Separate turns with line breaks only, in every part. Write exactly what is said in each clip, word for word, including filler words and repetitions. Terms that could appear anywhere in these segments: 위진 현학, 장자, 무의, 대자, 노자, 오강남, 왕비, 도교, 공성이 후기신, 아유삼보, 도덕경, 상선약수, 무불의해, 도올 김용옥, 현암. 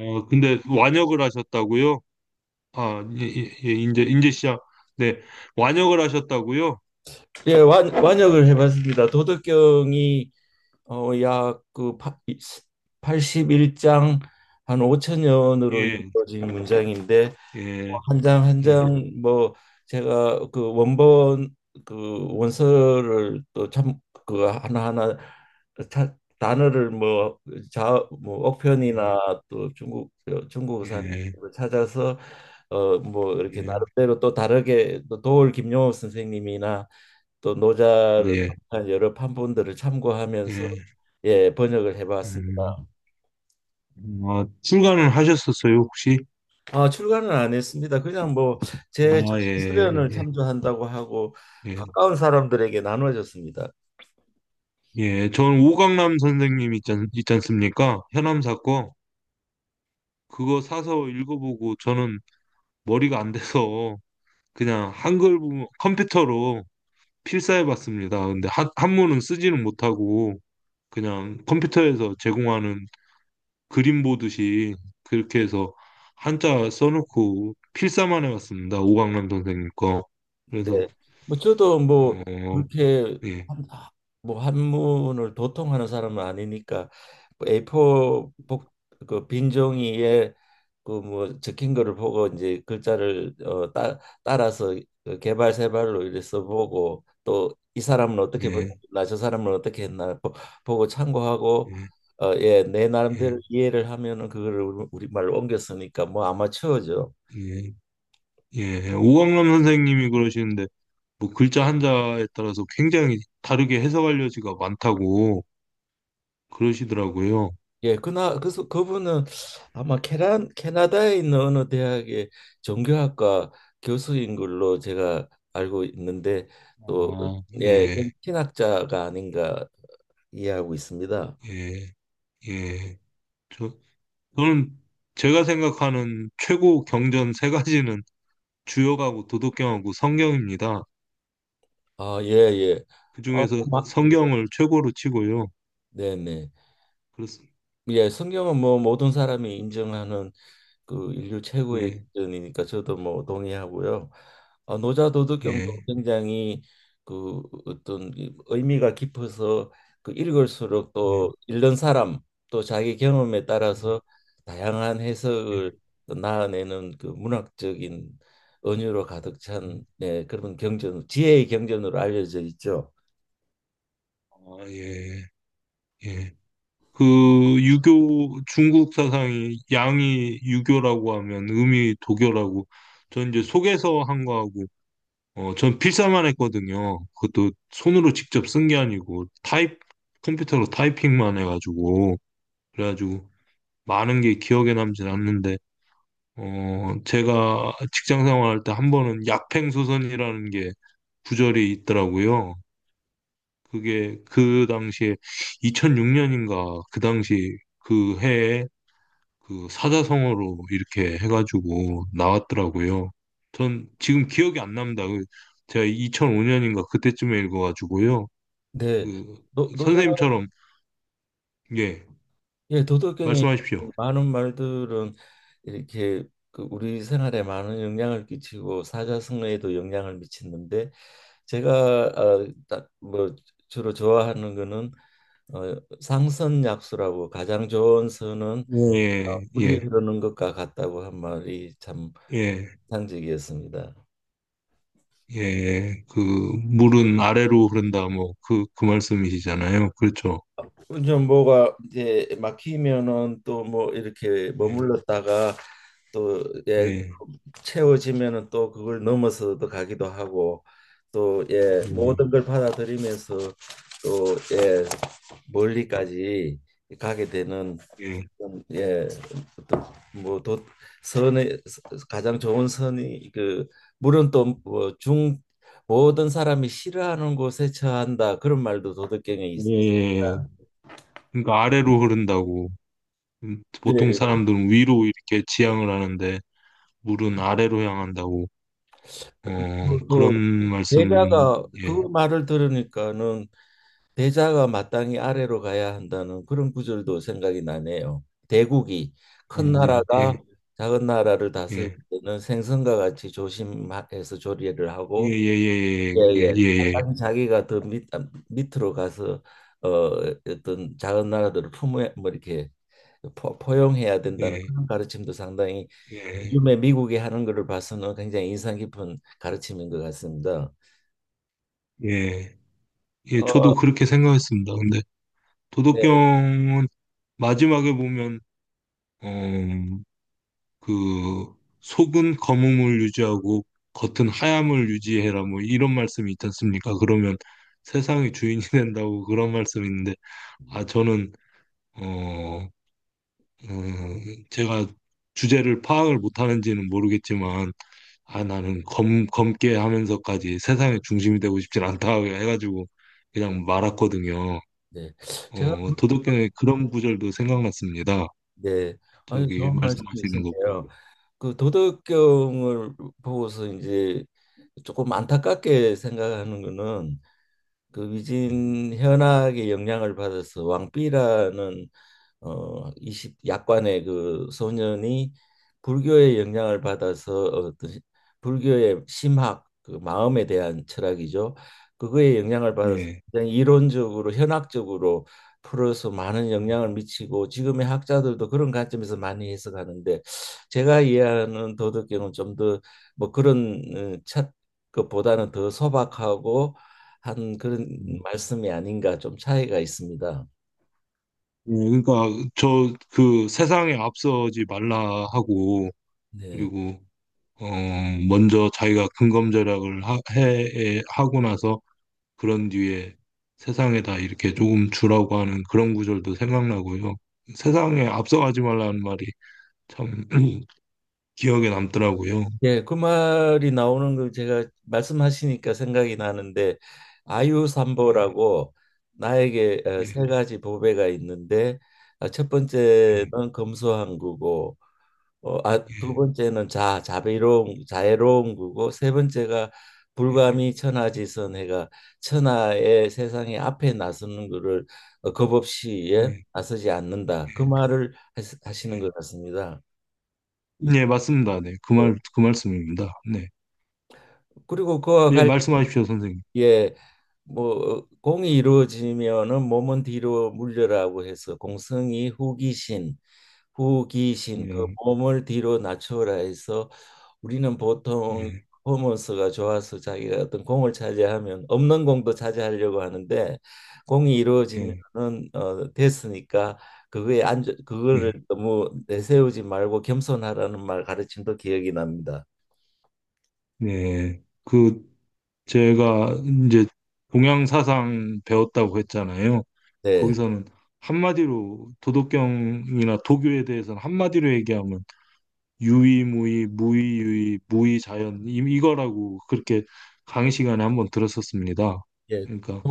어, 근데 완역을 하셨다고요? 아, 예, 예, 예, 이제 이제 시작. 네, 완역을 하셨다고요?
예, 완, 완역을 해봤습니다. 도덕경이 어, 약그 팔십일 장 한 오천 년으로
예,
이루어진 문장인데
예,
한 장 한
예,
장 뭐 제가 그 원본 그 원서를 또 참 그 하나하나 자- 단어를 뭐 자 뭐
예,
억편이나 또 중국 중국사
예,
찾아서 어 뭐 이렇게
예,
나름대로 또 다르게 또 도올 김용옥 선생님이나 또
아,
노자를
예,
한 여러 판본들을 참고하면서
예,
예, 번역을
음,
해봤습니다.
음, 아, 출간을 하셨었어요, 혹시?
아, 출간은 안 했습니다. 그냥 뭐 제
아,
저술
예,
수련을
예,
참조한다고 하고
예,
가까운 사람들에게 나눠줬습니다.
예, 전 오강남 선생님 있지, 않, 있지 않습니까? 현암 사건 그거 사서 읽어보고 저는 머리가 안 돼서 그냥 한글 부분 컴퓨터로 필사해봤습니다. 근데 한, 한문은 쓰지는 못하고 그냥 컴퓨터에서 제공하는 그림 보듯이 그렇게 해서 한자 써놓고 필사만 해봤습니다. 오강남 선생님 거. 그래서
네. 뭐 저도 뭐
어,
그렇게
예,
한, 뭐 한문을 도통하는 사람은 아니니까 뭐 에이포 복, 그빈 종이에 그 뭐 적힌 거를 보고 이제 글자를 어, 따, 따라서 그 개발 세발로 이래 써보고 또 이 사람은 어떻게 했
예,
나 저 사람은 어떻게 했나 보, 보고 참고하고
예,
어, 예, 내 나름대로
예,
이해를 하면은 그거를 우리말로 옮겼으니까 뭐 아마추어죠.
예, 예. 오강남 선생님이 그러시는데 뭐 글자 한자에 따라서 굉장히 다르게 해석할 여지가 많다고 그러시더라고요.
예, 그나 그래서 그분은 아마 캐나 캐나다에 있는 어느 대학의 종교학과 교수인 걸로 제가 알고 있는데 또 어,
아,
예,
예,
음. 그 신학자가 아닌가 이해하고 있습니다.
예, 예. 저, 저는 제가 생각하는 최고 경전 세 가지는 주역하고 도덕경하고 성경입니다.
아, 예, 예. 어,
그중에서
막, 예.
성경을 최고로 치고요.
네, 네.
그렇습니다.
예, 성경은 뭐 모든 사람이 인정하는 그 인류 최고의
예,
기준이니까 저도 뭐 동의하고요. 어, 노자도덕경도
예,
굉장히 그 어떤 이 의미가 깊어서 그 읽을수록 또
예,
읽는 사람 또 자기 경험에
예.
따라서 다양한
예.
해석을 또 나아내는 그 문학적인 은유로 가득 찬 네, 그런 경전, 지혜의 경전으로 알려져 있죠.
아, 예, 예. 그 유교 중국 사상이 양이 유교라고 하면 음이 도교라고 전 이제 속에서 한 거하고 어, 전 필사만 했거든요. 그것도 손으로 직접 쓴 게 아니고 타입 컴퓨터로 타이핑만 해가지고 그래가지고 많은 게 기억에 남진 않는데, 어, 제가 직장 생활할 때 한 번은 약팽소선이라는 게 구절이 있더라고요. 그게 그 당시에 이천육 년인가 그 당시 그 해에 그 사자성어로 이렇게 해가지고 나왔더라고요. 전 지금 기억이 안 납니다. 그 제가 이천오년인가 그때쯤에 읽어가지고요.
네,
그
노, 노자
선생님처럼 예
예, 도덕경이
말씀하십시오.
많은 말들은 이렇게 그 우리 생활에 많은 영향을 끼치고 사자성어에도 영향을 미치는데 제가 어, 딱 뭐 주로 좋아하는 거는 어, 상선약수라고 가장 좋은 선은 어,
예
물이
예,
흐르는 것과 같다고 한 말이 참
예.
상징이었습니다.
예, 그 물은 아래로 흐른다 뭐 그 그 말씀이시잖아요. 그렇죠.
좀 뭐가 이제 막히면은 또 뭐 이렇게
예,
머물렀다가 또 예,
예,
채워지면은 또 그걸 넘어서도 가기도 하고 또 예,
예, 예,
모든 걸 받아들이면서 또 예, 멀리까지 가게 되는
예.
그런, 예, 어떤 뭐 도, 선의 가장 좋은 선이 그 물론 또뭐중 모든 사람이 싫어하는 곳에 처한다 그런 말도 도덕경에 있.
예. 예. 그러니까 아래로 흐른다고 음,
네,
보통
예.
사람들은 위로 이렇게 지향을 하는데 물은 아래로 향한다고 어
그, 그
그런 말씀
예배가
예,
그 말을 들으니까는 대자가 마땅히 아래로 가야 한다는 그런 구절도 생각이 나네요. 대국이
예,
큰 음, 나라가
예,
작은 나라를 다스릴
예,
때는 생선과 같이 조심해서 조리를
예,
하고
예, 예, 예,
예예
예, 예,
마땅히 자기가 더 밑, 아, 밑으로 가서 어, 어떤 작은 나라들을 품에 뭐 이렇게 포, 포용해야
예,
된다는
예,
그런 가르침도 상당히
예,
요즘에 미국이 하는 것을 봐서는 굉장히 인상 깊은 가르침인 것 같습니다.
예, 예. 예,
어,
저도 그렇게 생각했습니다. 근데
네,
도덕경은 마지막에 보면 어, 그 속은 검음을 유지하고 겉은 하얌을 유지해라 뭐 이런 말씀이 있지 않습니까? 그러면 세상의 주인이 된다고 그런 말씀이 있는데 아 저는 어, 어, 제가 주제를 파악을 못하는지는 모르겠지만 아 나는 검 검게 하면서까지 세상의 중심이 되고 싶진 않다 해가지고 그냥 말았거든요.
네. 제가
어, 도덕경의 그런 구절도 생각났습니다.
네, 아주
저기
좋은
말씀하시는 거보요
말씀이시네요. 그 도덕경을 보고서 이제 조금 안타깝게 생각하는 거는 그 위진 현학의 영향을 받아서 왕비라는 어, 이십 약관의 그 소년이 불교의 영향을 받아서 어떤 시- 불교의 심학 그 마음에 대한 철학이죠. 그거에 영향을 받아서
예.
굉장히 이론적으로 현학적으로 풀어서 많은 영향을 미치고 지금의 학자들도 그런 관점에서 많이 해석하는데 제가 이해하는 도덕경은 좀 더 뭐 그런 어, 첫 것보다는 더 소박하고 한 그런
음.
말씀이 아닌가 좀 차이가 있습니다.
예, 그러니까 저 그 세상에 앞서지 말라 하고
네.
그리고 어 먼저 자기가 근검절약을 하, 해 하고 나서 그런 뒤에 세상에다 이렇게 조금 주라고 하는 그런 구절도 생각나고요. 세상에 앞서가지 말라는 말이 참 기억에 남더라고요.
예, 그 말이 나오는 거 제가 말씀하시니까 생각이 나는데
예,
아유삼보라고 나에게 어,
예,
세 가지 보배가 있는데 아, 첫
예,
번째는 검소한 구고 어, 아, 두
예,
번째는 자 자비로운 자애로운 구고 세 번째가
예,
불감이 천하지선 해가 천하의 세상의 앞에 나서는 거를 어, 겁없이 예,
예,
나서지 않는다 그 말을 하시- 하시는
예.
것 같습니다.
예, 맞습니다. 네, 그
예.
말, 그 말씀입니다. 네,
그리고 그와
예,
관련
말씀하십시오, 선생님.
예, 뭐 공이 이루어지면은 몸은 뒤로 물려라고 해서 공성이 후기신, 후기신 그
예,
몸을 뒤로 낮춰라 해서 우리는 보통
예,
퍼포먼스가 좋아서 자기가 어떤 공을 차지하면 없는 공도 차지하려고 하는데 공이
예,
이루어지면은 어, 됐으니까 그거에 안 그거를
예.
너무 내세우지 말고 겸손하라는 말 가르침도 기억이 납니다.
네. 그, 제가 이제 동양 사상 배웠다고 했잖아요.
네.
거기서는 한마디로 도덕경이나 도교에 대해서는 한마디로 얘기하면 유의무의, 무의유의, 무의자연 이- 이거라고 그렇게 강의 시간에 한번 들었었습니다.
예.
그러니까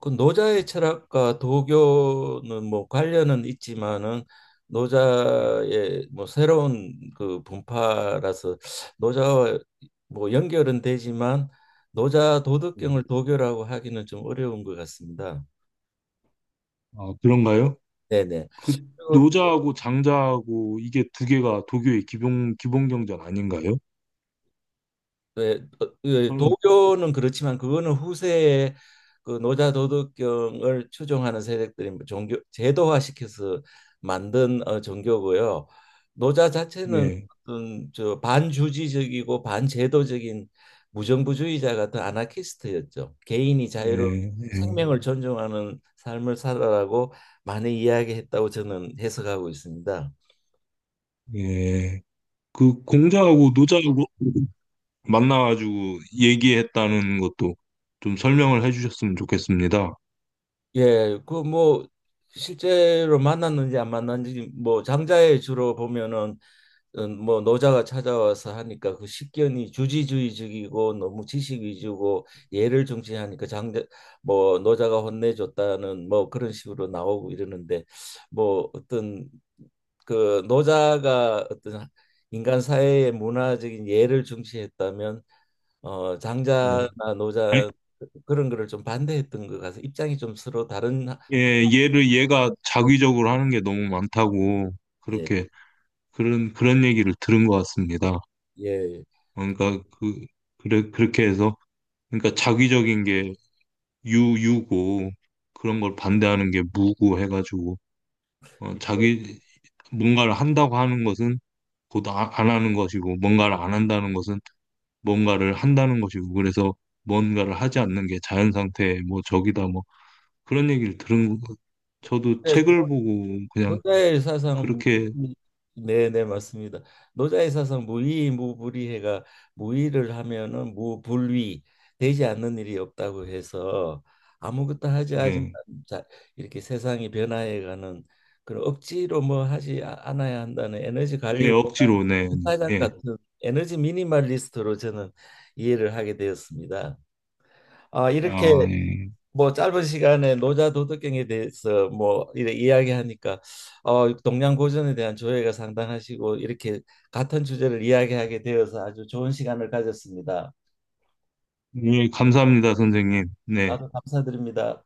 그 노자의 철학과 도교는 뭐 관련은 있지만은
예,
노자의 뭐 새로운 그 분파라서 노자와 뭐 연결은 되지만 노자
예.
도덕경을 도교라고 하기는 좀 어려운 것 같습니다.
아, 그런가요?
네네.
그
그리고
노자하고 장자하고 이게 두 개가 도교의 기본 기본 경전 아닌가요?
네, 어, 예,
저는
도교는 그렇지만 그거는 후세에 그 노자 도덕경을 추종하는 세력들이 뭐 종교 제도화시켜서 만든 어, 종교고요. 노자 자체는
예,
어떤 저 반주지적이고 반제도적인 무정부주의자 같은 아나키스트였죠. 개인이 자유로
예, 예,
생명을 존중하는 삶을 살아라고 많이 이야기했다고 저는 해석하고 있습니다.
예. 그 공자하고 노자하고 만나가지고 얘기했다는 것도 좀 설명을 해주셨으면 좋겠습니다.
예, 그 뭐 실제로 만났는지 안 만났는지 뭐 장자에 주로 보면은 음, 뭐 노자가 찾아와서 하니까 그 식견이 주지주의적이고 너무 지식 위주고 예를 중시하니까 장자 뭐 노자가 혼내줬다는 뭐 그런 식으로 나오고 이러는데 뭐 어떤 그 노자가 어떤 인간 사회의 문화적인 예를 중시했다면 어
예.
장자나
아니,
노자 그런 거를 좀 반대했던 것 같아서 입장이 좀 서로 다른
예, 얘를 얘가 자기적으로 하는 게 너무 많다고
예.
그렇게 그런 그런 얘기를 들은 것 같습니다.
예.
그러니까 그 그래 그렇게 해서 그러니까 자기적인 게 유유고 그런 걸 반대하는 게 무고 해가지고 어,
예.
자기 뭔가를 한다고 하는 것은 곧 아, 안 하는 것이고 뭔가를 안 한다는 것은 뭔가를 한다는 것이고 그래서 뭔가를 하지 않는 게 자연 상태의 뭐 적이다 뭐 그런 얘기를 들은 거- 저도
네,
책을
노-
보고 그냥
노자의 사상은
그렇게
무의, 네, 네, 맞습니다. 노자의 사상 무의 무불의해가 무의를 하면은 무불위 되지 않는 일이 없다고 해서 아무것도 하지 하지만
예,
자, 이렇게 세상이 변화해가는 그런 억지로 뭐 하지 아- 않아야 한다는 에너지 관리
예
원단,
억지로 네,
사장
예.
같은 에너지 미니멀리스트로 저는 이해를 하게 되었습니다. 아, 이렇게
아, 예.
뭐 짧은 시간에 노자 도덕경에 대해서 뭐 이래 이야기하니까 어 동양고전에 대한 조예가 상당하시고 이렇게 같은 주제를 이야기하게 되어서 아주 좋은 시간을 가졌습니다.
예, 감사합니다, 선생님. 네.
나도 감사드립니다.